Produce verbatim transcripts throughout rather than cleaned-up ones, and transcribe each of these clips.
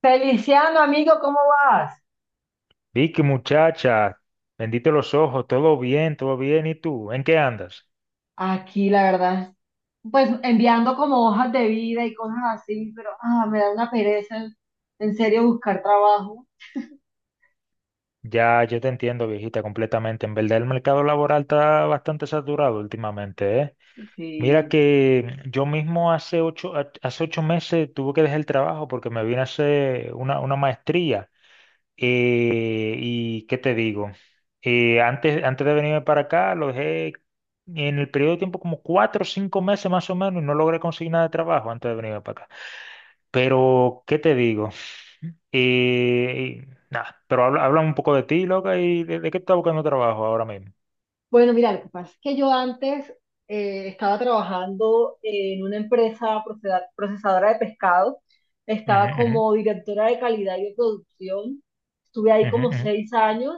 Feliciano, amigo, ¿cómo vas? Vicky, muchacha, bendito los ojos, todo bien, todo bien. ¿Y tú? ¿En qué andas? Aquí, la verdad, pues enviando como hojas de vida y cosas así, pero ah, me da una pereza en, en serio buscar trabajo. Ya, yo te entiendo, viejita, completamente. En verdad, el mercado laboral está bastante saturado últimamente, ¿eh? Mira Sí. que yo mismo hace ocho, ha- hace ocho meses tuve que dejar el trabajo porque me vine a hacer una, una maestría. Eh, ¿y qué te digo? Eh, antes, antes de venirme para acá, lo dejé en el periodo de tiempo como cuatro o cinco meses más o menos y no logré conseguir nada de trabajo antes de venirme para acá. Pero, ¿qué te digo? Eh, nada, Pero habla, habla un poco de ti, loca, y de, de qué estás buscando trabajo ahora mismo. Bueno, mira, lo que pasa es que yo antes eh, estaba trabajando en una empresa proceda- procesadora de pescado, estaba Ujú, como directora de calidad y de producción, estuve ahí ujú, ujú, como ujú. seis años.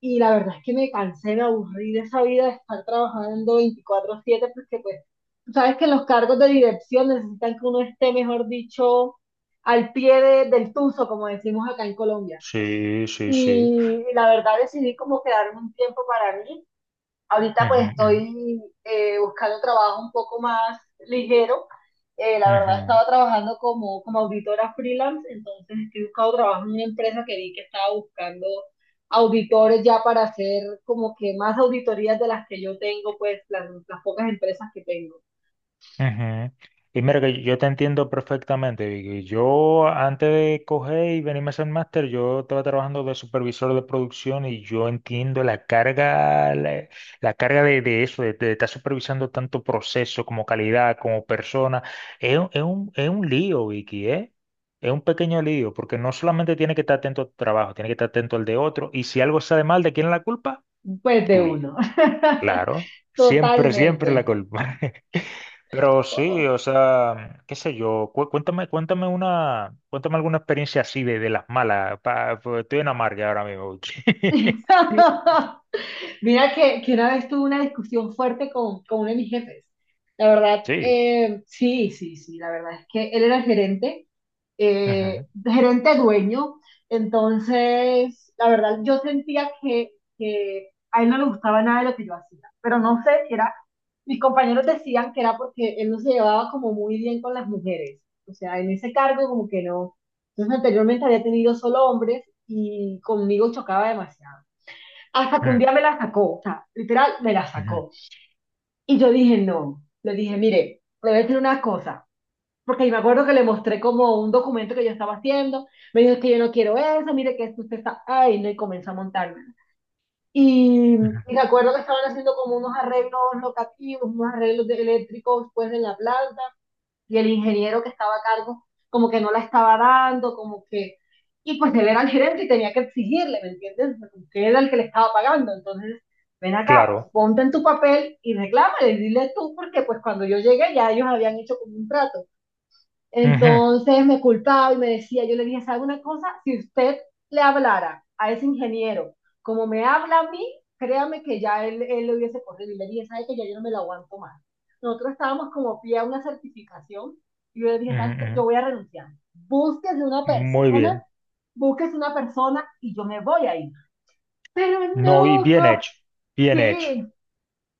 Y la verdad es que me cansé, me aburrí de esa vida de estar trabajando veinticuatro siete porque pues, tú sabes que los cargos de dirección necesitan que uno esté, mejor dicho, al pie de- del tuzo, como decimos acá en Colombia. Sí, sí, sí. Y la verdad decidí como quedarme un tiempo para mí. Ahorita Ujú, pues ujú, estoy eh, buscando trabajo un poco más ligero. Eh, la verdad ujú. estaba trabajando como, como auditora freelance, entonces estoy buscando trabajo en una empresa que vi que estaba buscando auditores ya para hacer como que más auditorías de las que yo tengo, pues las, las pocas empresas que tengo. Ujú. Y mira que yo te entiendo perfectamente, Vicky. Yo antes de coger y venirme a ser máster, yo estaba trabajando de supervisor de producción y yo entiendo la carga, la, la carga de, de eso, de, de estar supervisando tanto proceso como calidad, como persona. Es, un, es un es un lío, Vicky, ¿eh? Es un pequeño lío, porque no solamente tiene que estar atento a tu trabajo, tiene que estar atento al de otro, y si algo sale mal, ¿de quién es la culpa? Pues de Tuya. uno. Claro, siempre, siempre la Totalmente. culpa. Pero sí, o sea, qué sé yo, cu- cuéntame, cuéntame una, cuéntame alguna experiencia así de, de las malas, pa- porque estoy en amarga ahora mismo. Mira que, que una vez tuve una discusión fuerte con, con uno de mis jefes. La verdad, Sí. eh, sí, sí, sí, la verdad es que él era el gerente, eh, Ujú, gerente dueño, entonces, la verdad, yo sentía que, que a él no le gustaba nada de lo que yo hacía, pero no sé si era, mis compañeros decían que era porque él no se llevaba como muy bien con las mujeres, o sea, en ese cargo como que no. Entonces, anteriormente había tenido solo hombres y conmigo chocaba demasiado. Hasta que un ujú, día me la sacó, o sea, literal, me la ujú, sacó. Y yo dije, no, le dije, mire, le voy a decir una cosa, porque me acuerdo que le mostré como un documento que yo estaba haciendo, me dijo, es que yo no quiero eso, mire que esto usted está, ay, no, y comenzó a montarme. Y, ujú. y me acuerdo que estaban haciendo como unos arreglos locativos, unos arreglos de eléctricos pues en la planta, y el ingeniero que estaba a cargo como que no la estaba dando, como que... Y pues él era el gerente y tenía que exigirle, ¿me entiendes? Porque era el que le estaba pagando. Entonces, ven acá, Claro. ponte en tu papel y reclámale, dile tú, porque pues cuando yo llegué ya ellos habían hecho como un trato. Ujú, Entonces me culpaba y me decía, yo le dije, ¿sabe una cosa? Si usted le hablara a ese ingeniero como me habla a mí, créame que ya él, él lo hubiese corrido. Y le dije, ¿sabe que ya yo no me lo aguanto más? Nosotros estábamos como pie a una certificación y yo le dije, ujú, ¿sabes qué? Yo ujú. voy a renunciar. Búsquese una Muy persona, bien. búsquese una persona y yo me voy a ir. Pero No, y no, bien co- hecho, bien hecho. sí,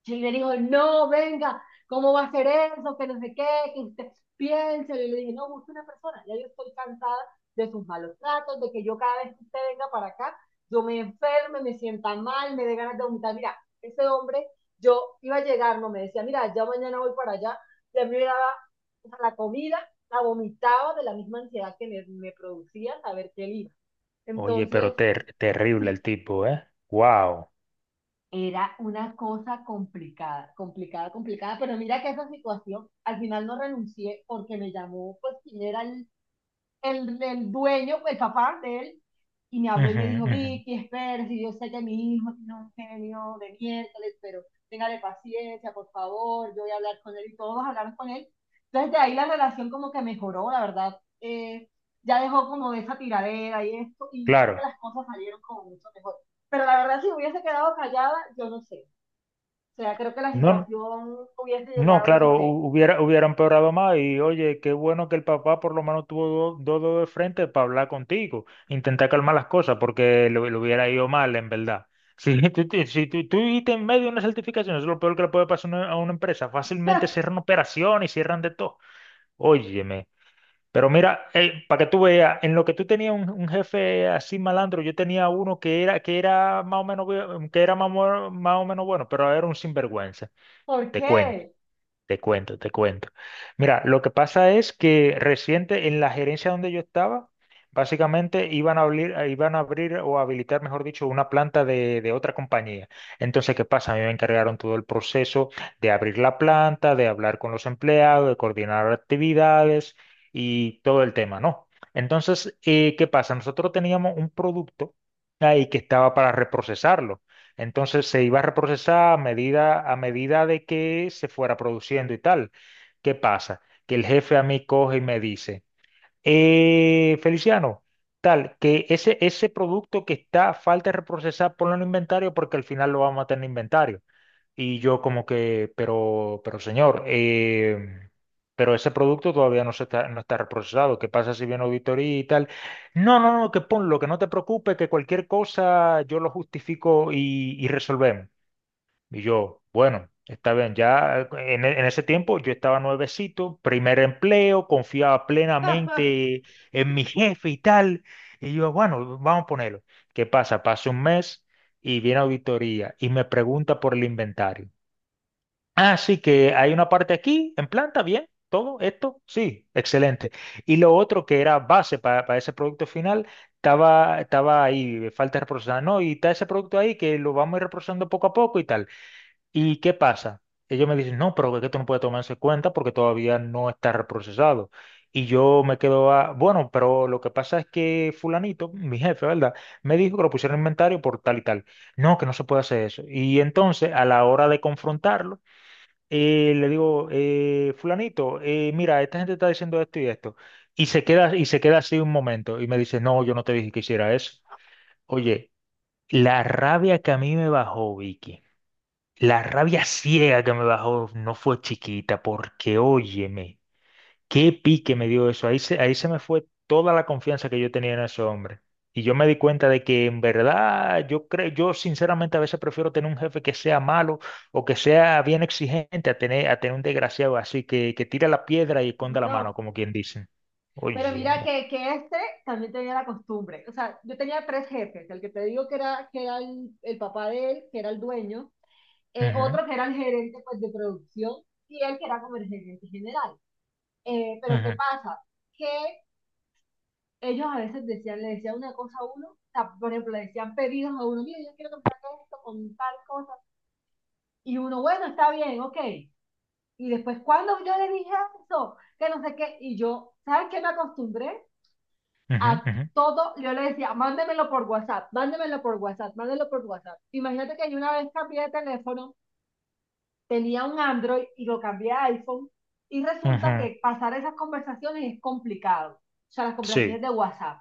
y él le dijo, no, venga, ¿cómo va a ser eso? Que no sé qué, que usted piense. Y le dije, no, busque una persona. Ya yo estoy cansada de sus malos tratos, de que yo cada vez que usted venga para acá, yo me enferme, me sienta mal, me dé ganas de vomitar. Mira, ese hombre, yo iba a llegar, no me decía, mira, ya mañana voy para allá. Y a mí me daba, o sea, la comida, la vomitaba de la misma ansiedad que me, me producía saber que él iba. Oye, pero Entonces, ter- terrible el tipo, ¿eh? Wow. era una cosa complicada, complicada, complicada, pero mira que esa situación, al final no renuncié porque me llamó, pues, quien era el el, el dueño, el papá de él, y me habló y me dijo, Vicky, espera, si yo sé que mi hijo tiene un genio de miércoles, pero téngale paciencia, por favor, yo voy a hablar con él y todos hablaron con él. Entonces de ahí la relación como que mejoró, la verdad. Eh, ya dejó como de esa tiradera y esto, y creo Claro. que las cosas salieron como mucho mejor. Pero la verdad, si hubiese quedado callada, yo no sé. O sea, creo que la No, situación hubiese no, llegado, no claro, sé. hu- hubiera, hubiera empeorado más y oye, qué bueno que el papá por lo menos tuvo do- dos dedos de frente para hablar contigo, intentar calmar las cosas porque le, le hubiera ido mal en verdad. Si tú, tú- si tú, tú viste en medio de una certificación, eso es lo peor que le puede pasar a una, a una empresa, fácilmente cierran operaciones y cierran de todo. Óyeme, pero mira, eh, para que tú veas, en lo que tú tenías un, un jefe así malandro, yo tenía uno que era, que era más o menos, bu- que era más, o más o menos bueno, pero era un sinvergüenza, ¿Por te cuento. qué? Te cuento, te cuento. Mira, lo que pasa es que reciente en la gerencia donde yo estaba, básicamente iban a abrir, eh, iban a abrir o habilitar, mejor dicho, una planta de, de otra compañía. Entonces, ¿qué pasa? A mí me encargaron todo el proceso de abrir la planta, de hablar con los empleados, de coordinar actividades y todo el tema, ¿no? Entonces, eh, ¿qué pasa? Nosotros teníamos un producto ahí que estaba para reprocesarlo. Entonces se iba a reprocesar a medida, a medida de que se fuera produciendo y tal. ¿Qué pasa? Que el jefe a mí coge y me dice: "Eh, Feliciano, tal, que ese, ese producto que está a falta de reprocesar, ponlo en inventario porque al final lo vamos a tener en inventario. Y yo como que, pero, pero señor, eh, pero ese producto todavía no se está, no está reprocesado. ¿Qué pasa si viene auditoría y tal? No, no, no, que ponlo, que no te preocupes, que cualquier cosa yo lo justifico y, y resolvemos. Y yo, bueno, está bien, ya eh, en, e- en ese tiempo yo estaba nuevecito, primer empleo, confiaba plenamente en mi jefe y tal. Y yo, bueno, vamos a ponerlo. ¿Qué pasa? Pasa un mes y viene auditoría y me pregunta por el inventario. Así que hay una parte aquí, en planta, bien, todo esto, sí, excelente. Y lo otro que era base para, para ese producto final, estaba, estaba ahí, falta reprocesar, no, y está ese producto ahí que lo vamos a ir reprocesando poco a poco y tal. ¿Y qué pasa? Ellos me dicen, no, pero es que esto no puede tomarse en cuenta porque todavía no está reprocesado. Y yo me quedo a, bueno, pero lo que pasa es que fulanito, mi jefe, ¿verdad? Me dijo que lo pusieron en inventario por tal y tal. No, que no se puede hacer eso. Y entonces, a la hora de confrontarlo, eh, le digo, eh, fulanito, eh, mira, esta gente está diciendo esto y esto. Y se queda, y se queda así un momento y me dice, no, yo no te dije que hiciera eso. Oye, la rabia que a mí me bajó, Vicky, la rabia ciega que me bajó no fue chiquita, porque óyeme. Qué pique me dio eso. Ahí se, ahí se me fue toda la confianza que yo tenía en ese hombre. Y yo me di cuenta de que en verdad yo creo, yo sinceramente a veces prefiero tener un jefe que sea malo o que sea bien exigente a tener, a tener un desgraciado así que, que tira la piedra y esconda la mano, No. como quien dice. Pero mira Óyeme. que, que este también tenía la costumbre. O sea, yo tenía tres jefes. El que te digo que era, que era el, el papá de él, que era el dueño. eh, Ujú, Otro que era el gerente pues, de producción, y él que era como el gerente general. Eh, pero ¿qué ujú, pasa? Que ellos a veces decían, le decían una cosa a uno, o sea, por ejemplo, le decían pedidos a uno. Mira, yo quiero que me saques esto con tal cosa. Y uno, bueno, está bien, ok. Y después, cuando yo le dije eso, que no sé qué, y yo, ¿sabes qué me acostumbré? ujú, A ujú, todo, yo le decía, mándemelo por WhatsApp, mándemelo por WhatsApp, mándemelo por WhatsApp. Imagínate que yo una vez cambié de teléfono, tenía un Android y lo cambié a iPhone y resulta ujú. que pasar esas conversaciones es complicado, o sea, las conversaciones Sí. de WhatsApp.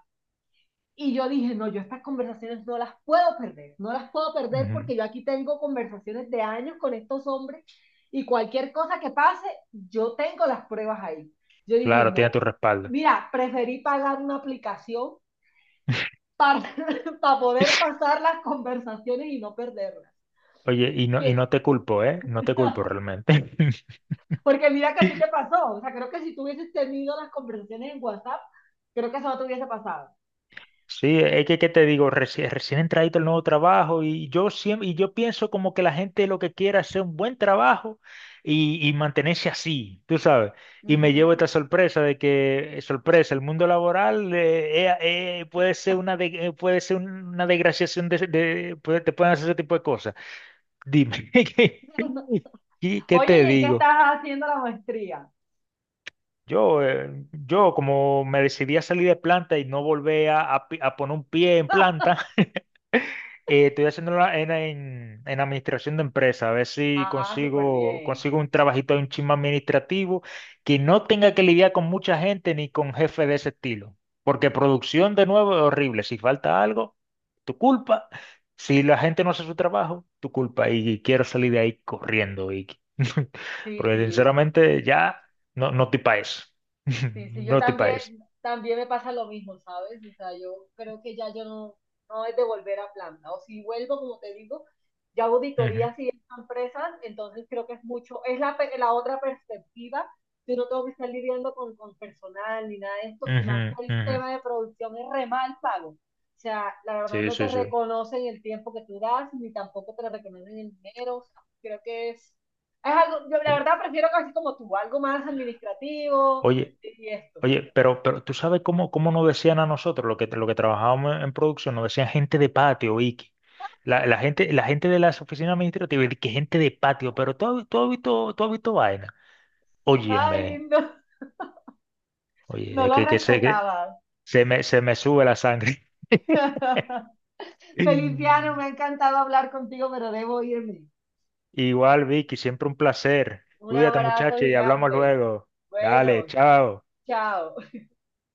Y yo dije, no, yo estas conversaciones no las puedo perder, no las puedo perder Ujú. porque yo aquí tengo conversaciones de años con estos hombres y cualquier cosa que pase, yo tengo las pruebas ahí. Yo dije, Claro, tiene no, tu respaldo. mira, preferí pagar una aplicación para, para poder pasar las conversaciones y no perderlas. Oye, y no, y no Que, te culpo, ¿eh? No te culpo realmente. porque mira que así te pasó. O sea, creo que si tú hubieses tenido las conversaciones en WhatsApp, creo que eso no te hubiese pasado. Sí, es que, ¿qué te digo? Recién, recién entradito el nuevo trabajo y yo siempre, y yo pienso como que la gente lo que quiere es hacer un buen trabajo y, y mantenerse así, tú sabes. Y me llevo Ujú. esta sorpresa de que, eh, sorpresa, el mundo laboral eh, eh, eh, puede ser una, de- eh, puede ser una desgraciación de, de- puede- te pueden hacer ese tipo de cosas. Dime, ¿qué, qué- qué Oye, ¿y te en qué digo? estás haciendo la maestría? Yo, eh, yo como me decidí a salir de planta y no volver a, a pi- a poner un pie en planta, Eh, estoy haciéndolo en, en, en administración de empresa, a ver si Ah, súper consigo, bien. consigo un trabajito, un chisme administrativo que no tenga que lidiar con mucha gente ni con jefe de ese estilo. Porque producción de nuevo es horrible. Si falta algo, tu culpa. Si la gente no hace su trabajo, tu culpa. Y quiero salir de ahí corriendo, Vicky. Sí, Porque sí. sinceramente ya no, no estoy pa' eso. Sí, sí, yo No estoy pa' también, eso. también me pasa lo mismo, ¿sabes? O sea, yo creo que ya yo no, no es de volver a planta. O si vuelvo, como te digo, ya Ujú, auditorías y esas empresas, entonces creo que es mucho, es la, pe- la otra perspectiva. Yo no tengo que estar lidiando con, con personal ni nada de esto, y más ujú, que el ujú. tema de producción es re mal pago. O sea, la verdad Sí, no te sí, sí. reconocen el tiempo que tú das, ni tampoco te reconocen el dinero. O sea, creo que es, es algo, yo la Oye. verdad prefiero casi como tú, algo más administrativo Oye. y esto. Oye, pero, pero tú sabes cómo, cómo nos decían a nosotros, lo que, lo que trabajábamos en, en producción, nos decían gente de patio, Vicky. La, la gente, la gente de las oficinas administrativas, y que gente de patio, pero tú, has- tú has visto, tú has visto vaina. Ay, Óyeme, no, no oye, lo que, que se, que respetaba. se me, se me sube la sangre. Feliciano, me ha encantado hablar contigo, pero debo irme. Igual, Vicky, siempre un placer. Un Cuídate, abrazo muchacha, y hablamos gigante. luego. Dale, Bueno, chao. chao.